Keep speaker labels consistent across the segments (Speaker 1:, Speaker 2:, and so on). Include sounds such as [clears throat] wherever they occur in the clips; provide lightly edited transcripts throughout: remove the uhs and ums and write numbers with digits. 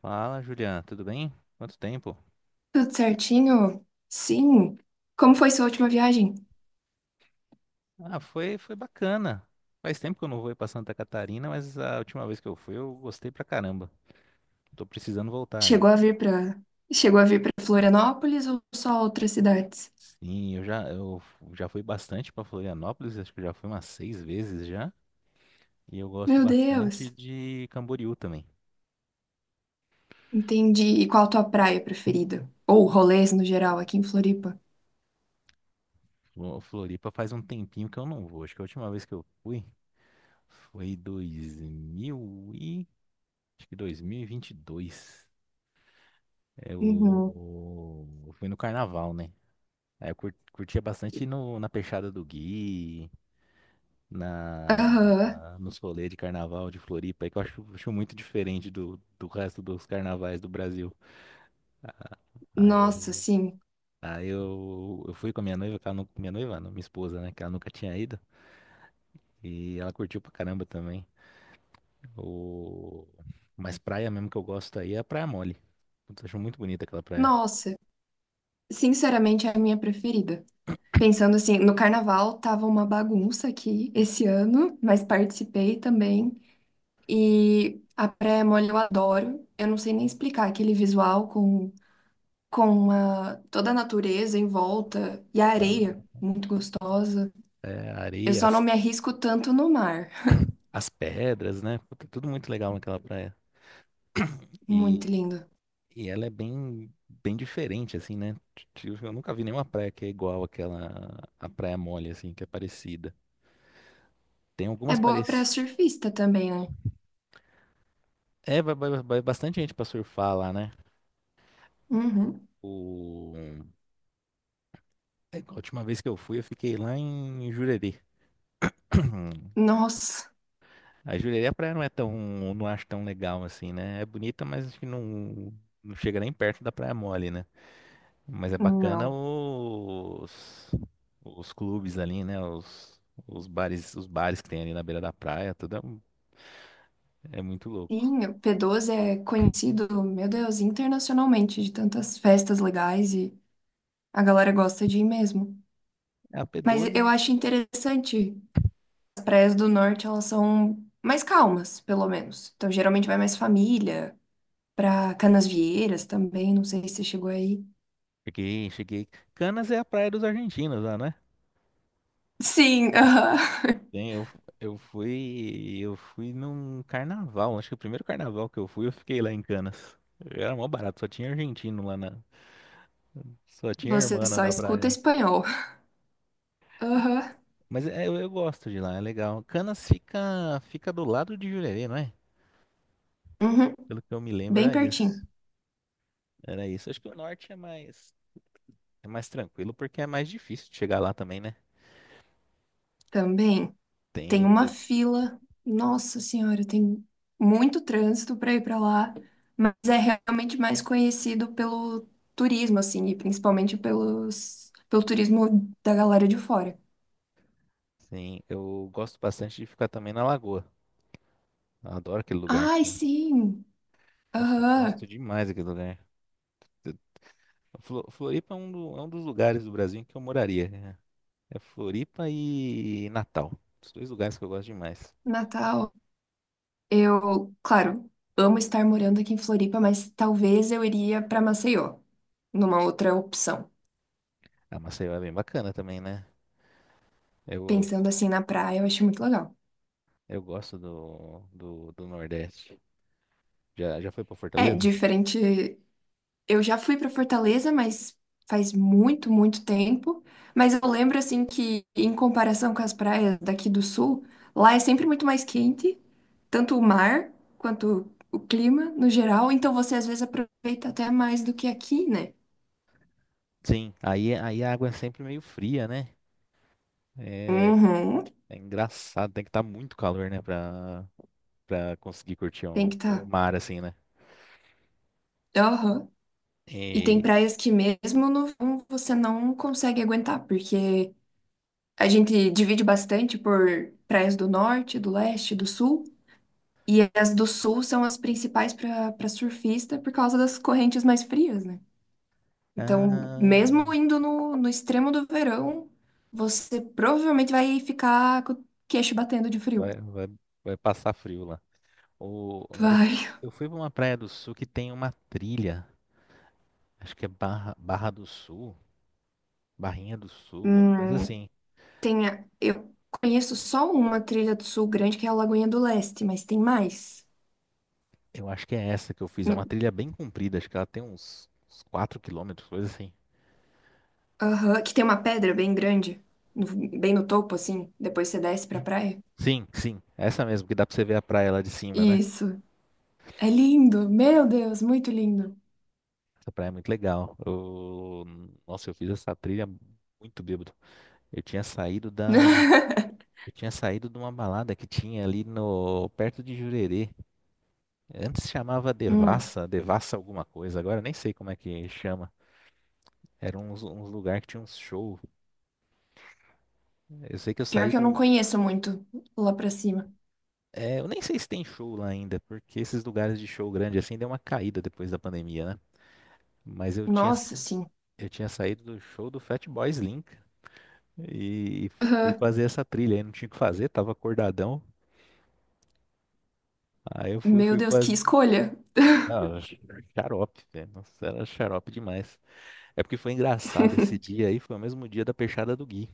Speaker 1: Fala, Juliana, tudo bem? Quanto tempo?
Speaker 2: Tudo certinho? Sim. Como foi sua última viagem?
Speaker 1: Ah, foi bacana. Faz tempo que eu não vou ir pra Santa Catarina, mas a última vez que eu fui eu gostei pra caramba. Tô precisando voltar aí.
Speaker 2: Chegou a vir para Chegou a vir para Florianópolis ou só outras cidades?
Speaker 1: Sim, eu já fui bastante pra Florianópolis, acho que eu já fui umas seis vezes já. E eu gosto
Speaker 2: Meu
Speaker 1: bastante
Speaker 2: Deus.
Speaker 1: de Camboriú também.
Speaker 2: Entendi. E qual a tua praia preferida? Ou rolês no geral aqui em Floripa?
Speaker 1: Floripa faz um tempinho que eu não vou. Acho que a última vez que eu fui foi, acho que 2022. Eu
Speaker 2: Uhum.
Speaker 1: eu fui no carnaval, né? É, eu curtia bastante ir no, na Peixada do Gui,
Speaker 2: Aham.
Speaker 1: nos rolês de carnaval de Floripa, aí que eu acho muito diferente do resto dos carnavais do Brasil. Aí eu,
Speaker 2: Nossa, sim.
Speaker 1: aí eu fui com a minha noiva, que ela, minha noiva, não, minha esposa, né, que ela nunca tinha ido, e ela curtiu pra caramba também. O, mas praia mesmo que eu gosto aí é a Praia Mole. Putz, acho muito bonita aquela praia.
Speaker 2: Nossa, sinceramente é a minha preferida. Pensando assim, no carnaval tava uma bagunça aqui esse ano, mas participei também. E a praia mole eu adoro. Eu não sei nem explicar aquele visual com, toda a natureza em volta e a areia, muito gostosa.
Speaker 1: É, a
Speaker 2: Eu
Speaker 1: areia,
Speaker 2: só não
Speaker 1: as,
Speaker 2: me arrisco tanto no mar.
Speaker 1: as pedras, né? Puta, tudo muito legal naquela praia.
Speaker 2: Muito
Speaker 1: E
Speaker 2: lindo.
Speaker 1: E ela é bem diferente, assim, né? Eu nunca vi nenhuma praia que é igual àquela, a Praia Mole, assim, que é parecida. Tem
Speaker 2: É
Speaker 1: algumas
Speaker 2: boa pra
Speaker 1: parecidas.
Speaker 2: surfista também, né?
Speaker 1: É, vai bastante gente pra surfar lá, né?
Speaker 2: Uhum.
Speaker 1: O... A última vez que eu fui, eu fiquei lá em Jurerê. [clears throat]
Speaker 2: Nossa,
Speaker 1: A Jurerê, a praia não é tão, não acho tão legal assim, né? É bonita, mas acho que não chega nem perto da Praia Mole, né? Mas é bacana
Speaker 2: não.
Speaker 1: os clubes ali, né? Os bares que tem ali na beira da praia, tudo é muito louco.
Speaker 2: Sim, o P12 é conhecido, meu Deus, internacionalmente de tantas festas legais e a galera gosta de ir mesmo.
Speaker 1: É a
Speaker 2: Mas
Speaker 1: P12,
Speaker 2: eu acho interessante praias do norte, elas são mais calmas, pelo menos. Então, geralmente vai mais família, pra Canasvieiras também, não sei se você chegou aí.
Speaker 1: cheguei, cheguei. Canas é a praia dos argentinos lá, né?
Speaker 2: Sim, aham.
Speaker 1: Tem, eu fui num carnaval, acho que o primeiro carnaval que eu fui, eu fiquei lá em Canas. Era mó barato, só tinha argentino lá só tinha
Speaker 2: Você
Speaker 1: hermana
Speaker 2: só
Speaker 1: na
Speaker 2: escuta
Speaker 1: praia.
Speaker 2: espanhol. Aham.
Speaker 1: Mas eu gosto de lá, é legal. Canas fica do lado de Jurerê, não é?
Speaker 2: Uhum.
Speaker 1: Pelo que eu me lembro,
Speaker 2: Bem
Speaker 1: é isso.
Speaker 2: pertinho.
Speaker 1: Era isso. Acho que o norte é mais tranquilo porque é mais difícil de chegar lá também, né?
Speaker 2: Também tem
Speaker 1: Tem,
Speaker 2: uma
Speaker 1: de-
Speaker 2: fila. Nossa Senhora, tem muito trânsito para ir para lá, mas é realmente mais conhecido pelo turismo, assim, e principalmente pelo turismo da galera de fora.
Speaker 1: eu gosto bastante de ficar também na Lagoa. Eu adoro aquele lugar.
Speaker 2: Ai, sim!
Speaker 1: Nossa, eu
Speaker 2: Aham.
Speaker 1: gosto demais daquele lugar. Floripa é um, é um dos lugares do Brasil em que eu moraria, né? É Floripa e Natal. Os dois lugares que eu gosto demais.
Speaker 2: Natal, eu, claro, amo estar morando aqui em Floripa, mas talvez eu iria para Maceió, numa outra opção.
Speaker 1: A Maceió é bem bacana também, né? Eu,
Speaker 2: Pensando assim na praia, eu acho muito legal.
Speaker 1: eu gosto do Nordeste. Já foi pra
Speaker 2: É
Speaker 1: Fortaleza?
Speaker 2: diferente. Eu já fui para Fortaleza, mas faz muito, muito tempo. Mas eu lembro assim que, em comparação com as praias daqui do sul, lá é sempre muito mais quente, tanto o mar quanto o clima no geral. Então você às vezes aproveita até mais do que aqui, né?
Speaker 1: Sim. Aí a água é sempre meio fria, né? É,
Speaker 2: Uhum,
Speaker 1: É engraçado, tem que estar muito calor, né, pra conseguir curtir
Speaker 2: tem que
Speaker 1: o
Speaker 2: estar.
Speaker 1: mar assim, né?
Speaker 2: Tá. E tem
Speaker 1: E,
Speaker 2: praias que mesmo no verão você não consegue aguentar, porque a gente divide bastante por praias do norte, do leste, do sul, e as do sul são as principais para para surfista por causa das correntes mais frias, né? Então,
Speaker 1: ah,
Speaker 2: mesmo indo no extremo do verão, você provavelmente vai ficar com o queixo batendo de frio.
Speaker 1: vai, vai, vai passar frio lá. O, eu,
Speaker 2: Vai.
Speaker 1: eu fui pra uma praia do sul que tem uma trilha, acho que é Barra, Barra do Sul, Barrinha do Sul, alguma coisa
Speaker 2: Hum,
Speaker 1: assim.
Speaker 2: eu conheço só uma trilha do sul grande, que é a Lagoinha do Leste, mas tem mais.
Speaker 1: Eu acho que é essa que eu fiz, é uma trilha bem comprida, acho que ela tem uns 4 quilômetros, coisa assim.
Speaker 2: Aham, que tem uma pedra bem grande, no- bem no topo, assim. Depois você desce pra praia.
Speaker 1: Sim, sim, essa mesmo, que dá pra você ver a praia lá de cima, né?
Speaker 2: Isso. É lindo. Meu Deus, muito lindo.
Speaker 1: Essa praia é muito legal. Nossa, eu fiz essa trilha muito bêbado. Eu tinha saído da.
Speaker 2: [laughs]
Speaker 1: Eu tinha saído de uma balada que tinha ali no perto de Jurerê. Antes chamava
Speaker 2: Hum,
Speaker 1: Devassa, Devassa alguma coisa. Agora eu nem sei como é que chama. Era uns lugar que tinha uns show. Eu sei que eu
Speaker 2: pior
Speaker 1: saí
Speaker 2: que eu não
Speaker 1: do.
Speaker 2: conheço muito lá pra cima.
Speaker 1: É, eu nem sei se tem show lá ainda, porque esses lugares de show grande assim deu uma caída depois da pandemia, né? Mas eu tinha,
Speaker 2: Nossa, sim.
Speaker 1: eu tinha saído do show do Fatboy Slim. E, fui
Speaker 2: Aham.
Speaker 1: fazer essa trilha. Aí não tinha o que fazer, tava acordadão. Aí eu fui,
Speaker 2: Meu
Speaker 1: fui
Speaker 2: Deus, que
Speaker 1: fazer.
Speaker 2: escolha.
Speaker 1: Ah, xarope, velho. Nossa, era xarope demais. É porque foi engraçado esse
Speaker 2: [laughs]
Speaker 1: dia aí, foi o mesmo dia da peixada do Gui.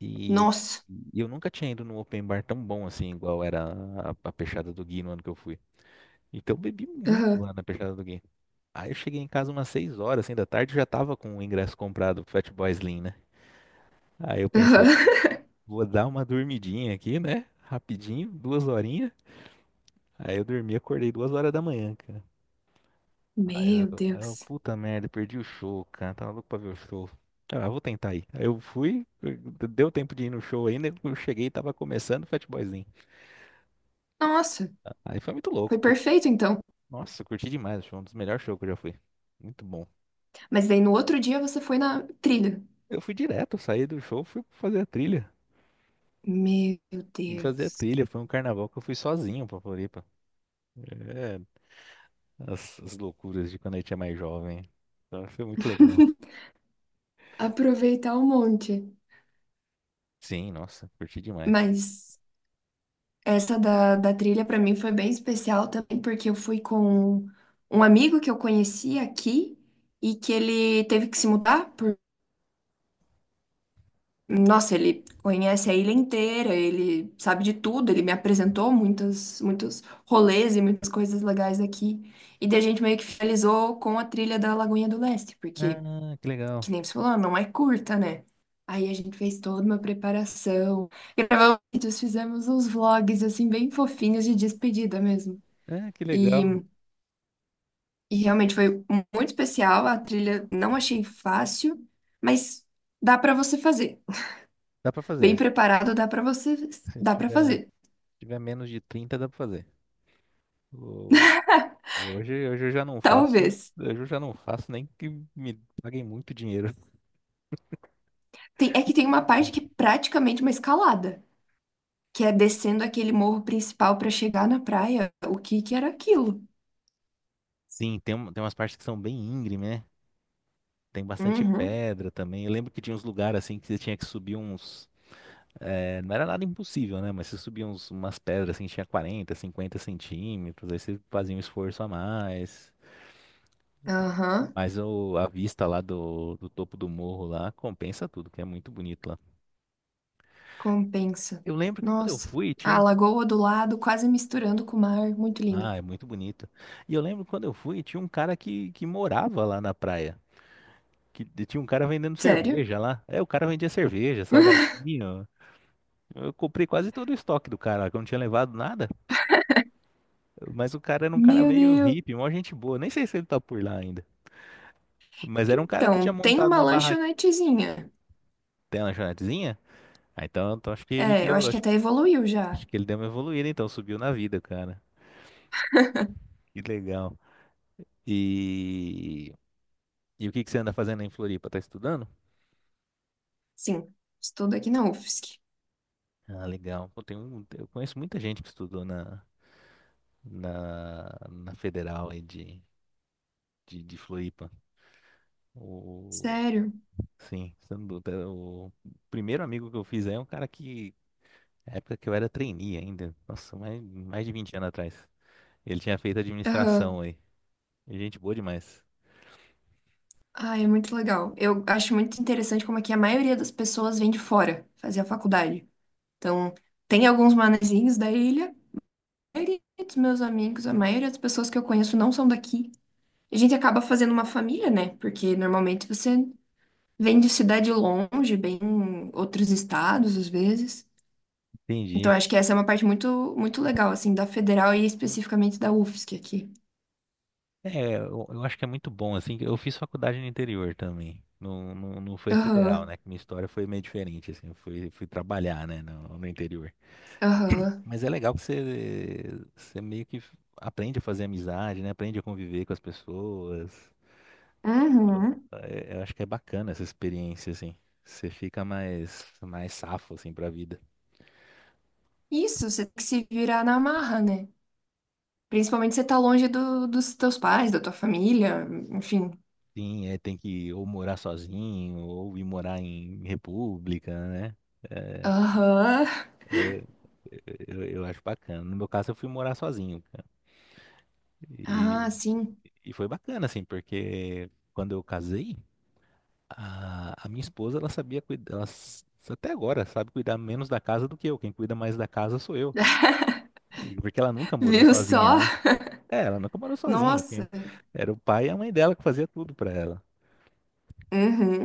Speaker 1: E,
Speaker 2: Nossa.
Speaker 1: e eu nunca tinha ido num open bar tão bom assim, igual era a peixada do Gui no ano que eu fui. Então eu bebi muito lá
Speaker 2: Aham.
Speaker 1: na peixada do Gui. Aí eu cheguei em casa umas 6 horas assim, da tarde, já tava com o ingresso comprado pro Fat Boy Slim, né? Aí eu pensei,
Speaker 2: Aham.
Speaker 1: pô, vou dar uma dormidinha aqui, né? Rapidinho, duas horinhas. Aí eu dormi, acordei 2 horas da manhã, cara. Aí
Speaker 2: Meu
Speaker 1: eu, aí eu,
Speaker 2: Deus.
Speaker 1: puta merda, perdi o show, cara. Tava louco pra ver o show. Ah, eu vou tentar ir. Aí eu fui, deu tempo de ir no show ainda. Eu cheguei e tava começando o Fat Boyzinho.
Speaker 2: Nossa,
Speaker 1: Aí foi muito
Speaker 2: foi
Speaker 1: louco. put-
Speaker 2: perfeito então.
Speaker 1: Nossa, eu curti demais. O show, um dos melhores shows que eu já fui. Muito bom.
Speaker 2: Mas daí no outro dia você foi na trilha.
Speaker 1: Eu fui direto, saí do show, fui fazer a trilha.
Speaker 2: Meu
Speaker 1: Fui fazer a
Speaker 2: Deus.
Speaker 1: trilha. Foi um carnaval que eu fui sozinho pra Floripa. É, as loucuras de quando a gente é mais jovem. Então, foi muito legal.
Speaker 2: [laughs] Aproveitar um monte.
Speaker 1: Sim, nossa, curti demais.
Speaker 2: Mas. Essa da trilha para mim foi bem especial também, porque eu fui com um amigo que eu conheci aqui e que ele teve que se mudar por... Nossa, ele conhece a ilha inteira, ele sabe de tudo, ele me apresentou muitos, muitos rolês e muitas coisas legais aqui. E daí a gente meio que finalizou com a trilha da Lagoinha do Leste, porque,
Speaker 1: Ah, que legal.
Speaker 2: que nem você falou, não é curta, né? Aí a gente fez toda uma preparação, gravamos vídeos, fizemos uns vlogs, assim, bem fofinhos de despedida mesmo.
Speaker 1: É, que
Speaker 2: E,
Speaker 1: legal.
Speaker 2: e realmente foi muito especial. A trilha não achei fácil, mas dá pra você fazer.
Speaker 1: Dá pra
Speaker 2: Bem
Speaker 1: fazer.
Speaker 2: preparado, dá pra você,
Speaker 1: [laughs] Se
Speaker 2: dá para
Speaker 1: tiver,
Speaker 2: fazer.
Speaker 1: tiver menos de 30, dá pra fazer. O-
Speaker 2: [laughs]
Speaker 1: hoje eu já não faço.
Speaker 2: Talvez.
Speaker 1: Hoje eu já não faço nem que me paguem muito dinheiro. [laughs]
Speaker 2: É que tem uma parte que é praticamente uma escalada, que é descendo aquele morro principal pra chegar na praia. O que que era aquilo?
Speaker 1: Sim, tem umas partes que são bem íngreme, né? Tem bastante
Speaker 2: Uhum.
Speaker 1: pedra também. Eu lembro que tinha uns lugares assim que você tinha que subir uns. Não era nada impossível, né? Mas você subia umas pedras assim, tinha 40, 50 cm. Aí você fazia um esforço a mais.
Speaker 2: Aham.
Speaker 1: Mas a vista lá do topo do morro lá compensa tudo, que é muito bonito.
Speaker 2: Compensa.
Speaker 1: Eu lembro que quando eu
Speaker 2: Nossa.
Speaker 1: fui, tinha
Speaker 2: A
Speaker 1: um.
Speaker 2: lagoa do lado, quase misturando com o mar. Muito lindo.
Speaker 1: Ah, é muito bonito. E eu lembro que quando eu fui, tinha um cara que morava lá na praia. Que e tinha um cara vendendo
Speaker 2: Sério?
Speaker 1: cerveja lá. É, o cara vendia cerveja,
Speaker 2: [laughs]
Speaker 1: salgadinho. Eu comprei quase todo o estoque do cara, que eu não tinha levado nada. Mas o cara era um cara
Speaker 2: Meu
Speaker 1: meio
Speaker 2: Deus.
Speaker 1: hippie, uma gente boa. Nem sei se ele tá por lá ainda. Mas era um cara que tinha
Speaker 2: Então, tem
Speaker 1: montado
Speaker 2: uma
Speaker 1: uma barraca,
Speaker 2: lanchonetezinha.
Speaker 1: tem uma lanchonetezinha. Ah, então acho que ele
Speaker 2: É, eu
Speaker 1: deu,
Speaker 2: acho que
Speaker 1: acho,
Speaker 2: até evoluiu já.
Speaker 1: acho que ele deu uma evoluída, então subiu na vida, cara. Que legal. E, e o que que você anda fazendo em Floripa? Tá estudando?
Speaker 2: Sim, estudo aqui na UFSC.
Speaker 1: Ah, legal. Pô, eu conheço muita gente que estudou na Federal aí de Floripa. O,
Speaker 2: Sério?
Speaker 1: sim, sem dúvida. O primeiro amigo que eu fiz aí é um cara que, na época que eu era trainee ainda, nossa, mais de 20 anos atrás. Ele tinha feito
Speaker 2: Aham.
Speaker 1: administração aí. Gente boa demais.
Speaker 2: Ah, é muito legal. Eu acho muito interessante como é que a maioria das pessoas vem de fora fazer a faculdade. Então, tem alguns manezinhos da ilha. A maioria dos meus amigos, a maioria das pessoas que eu conheço não são daqui. A gente acaba fazendo uma família, né? Porque normalmente você vem de cidade longe, bem em outros estados, às vezes. Então,
Speaker 1: Entendi.
Speaker 2: acho que essa é uma parte muito, muito legal, assim, da federal e especificamente da UFSC aqui.
Speaker 1: É, eu acho que é muito bom, assim, que eu fiz faculdade no interior também. Não, não, não foi federal,
Speaker 2: Aham,
Speaker 1: né? Que minha história foi meio diferente, assim, eu fui trabalhar, né, no interior.
Speaker 2: aham.
Speaker 1: Mas é legal que você meio que aprende a fazer amizade, né? Aprende a conviver com as pessoas.
Speaker 2: Uhum.
Speaker 1: Eu acho que é bacana essa experiência, assim. Você fica mais safo, assim, pra vida.
Speaker 2: Isso, você tem que se virar na marra, né? Principalmente se você tá longe dos teus pais, da tua família, enfim.
Speaker 1: Sim, é, tem que ou morar sozinho, ou ir morar em república, né? É,
Speaker 2: Aham.
Speaker 1: eu, eu acho bacana. No meu caso, eu fui morar sozinho, cara. E,
Speaker 2: Ah, sim.
Speaker 1: e foi bacana, assim, porque quando eu casei, a minha esposa, ela sabia cuidar, até agora sabe cuidar menos da casa do que eu. Quem cuida mais da casa sou eu.
Speaker 2: [laughs]
Speaker 1: Porque ela nunca morou
Speaker 2: Viu
Speaker 1: sozinha,
Speaker 2: só?
Speaker 1: né? É, ela nunca morou sozinha. Quem-
Speaker 2: Nossa.
Speaker 1: Era o pai e a mãe dela que fazia tudo pra ela.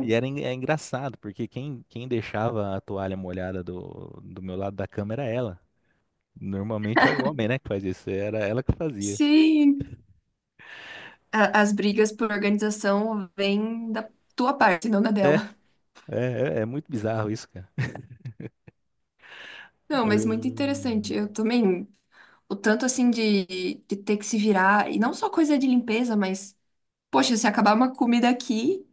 Speaker 1: E é engraçado, porque quem deixava a toalha molhada do meu lado da cama era ela. Normalmente é o homem, né, que faz isso. Era ela que fazia.
Speaker 2: Sim. As brigas por organização vêm da tua parte, não da
Speaker 1: É,
Speaker 2: dela.
Speaker 1: é muito bizarro isso, cara.
Speaker 2: Não, mas
Speaker 1: Eu-
Speaker 2: muito interessante. Eu também, o tanto assim de ter que se virar, e não só coisa de limpeza, mas, poxa, se acabar uma comida aqui.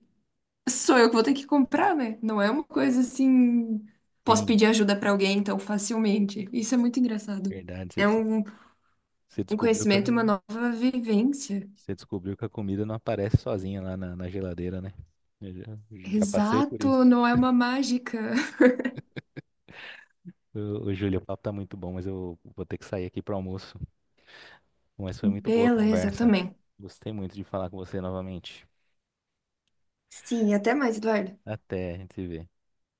Speaker 2: Sou eu que vou ter que comprar, né? Não é uma coisa assim. Posso
Speaker 1: Sim,
Speaker 2: pedir ajuda pra alguém tão facilmente. Isso é muito engraçado.
Speaker 1: verdade.
Speaker 2: É
Speaker 1: Você
Speaker 2: um,
Speaker 1: você
Speaker 2: um
Speaker 1: descobriu que. Eu
Speaker 2: conhecimento e uma nova vivência.
Speaker 1: Você descobriu que a comida não aparece sozinha lá na geladeira, né? Eu já passei por
Speaker 2: Exato,
Speaker 1: isso.
Speaker 2: não é uma mágica.
Speaker 1: Ô, ô, Júlio, o papo tá muito bom, mas eu vou ter que sair aqui para almoço. Mas
Speaker 2: [laughs]
Speaker 1: foi muito boa a
Speaker 2: Beleza, eu
Speaker 1: conversa.
Speaker 2: também.
Speaker 1: Gostei muito de falar com você novamente.
Speaker 2: Sim, até mais, Eduardo.
Speaker 1: Até, a gente se vê.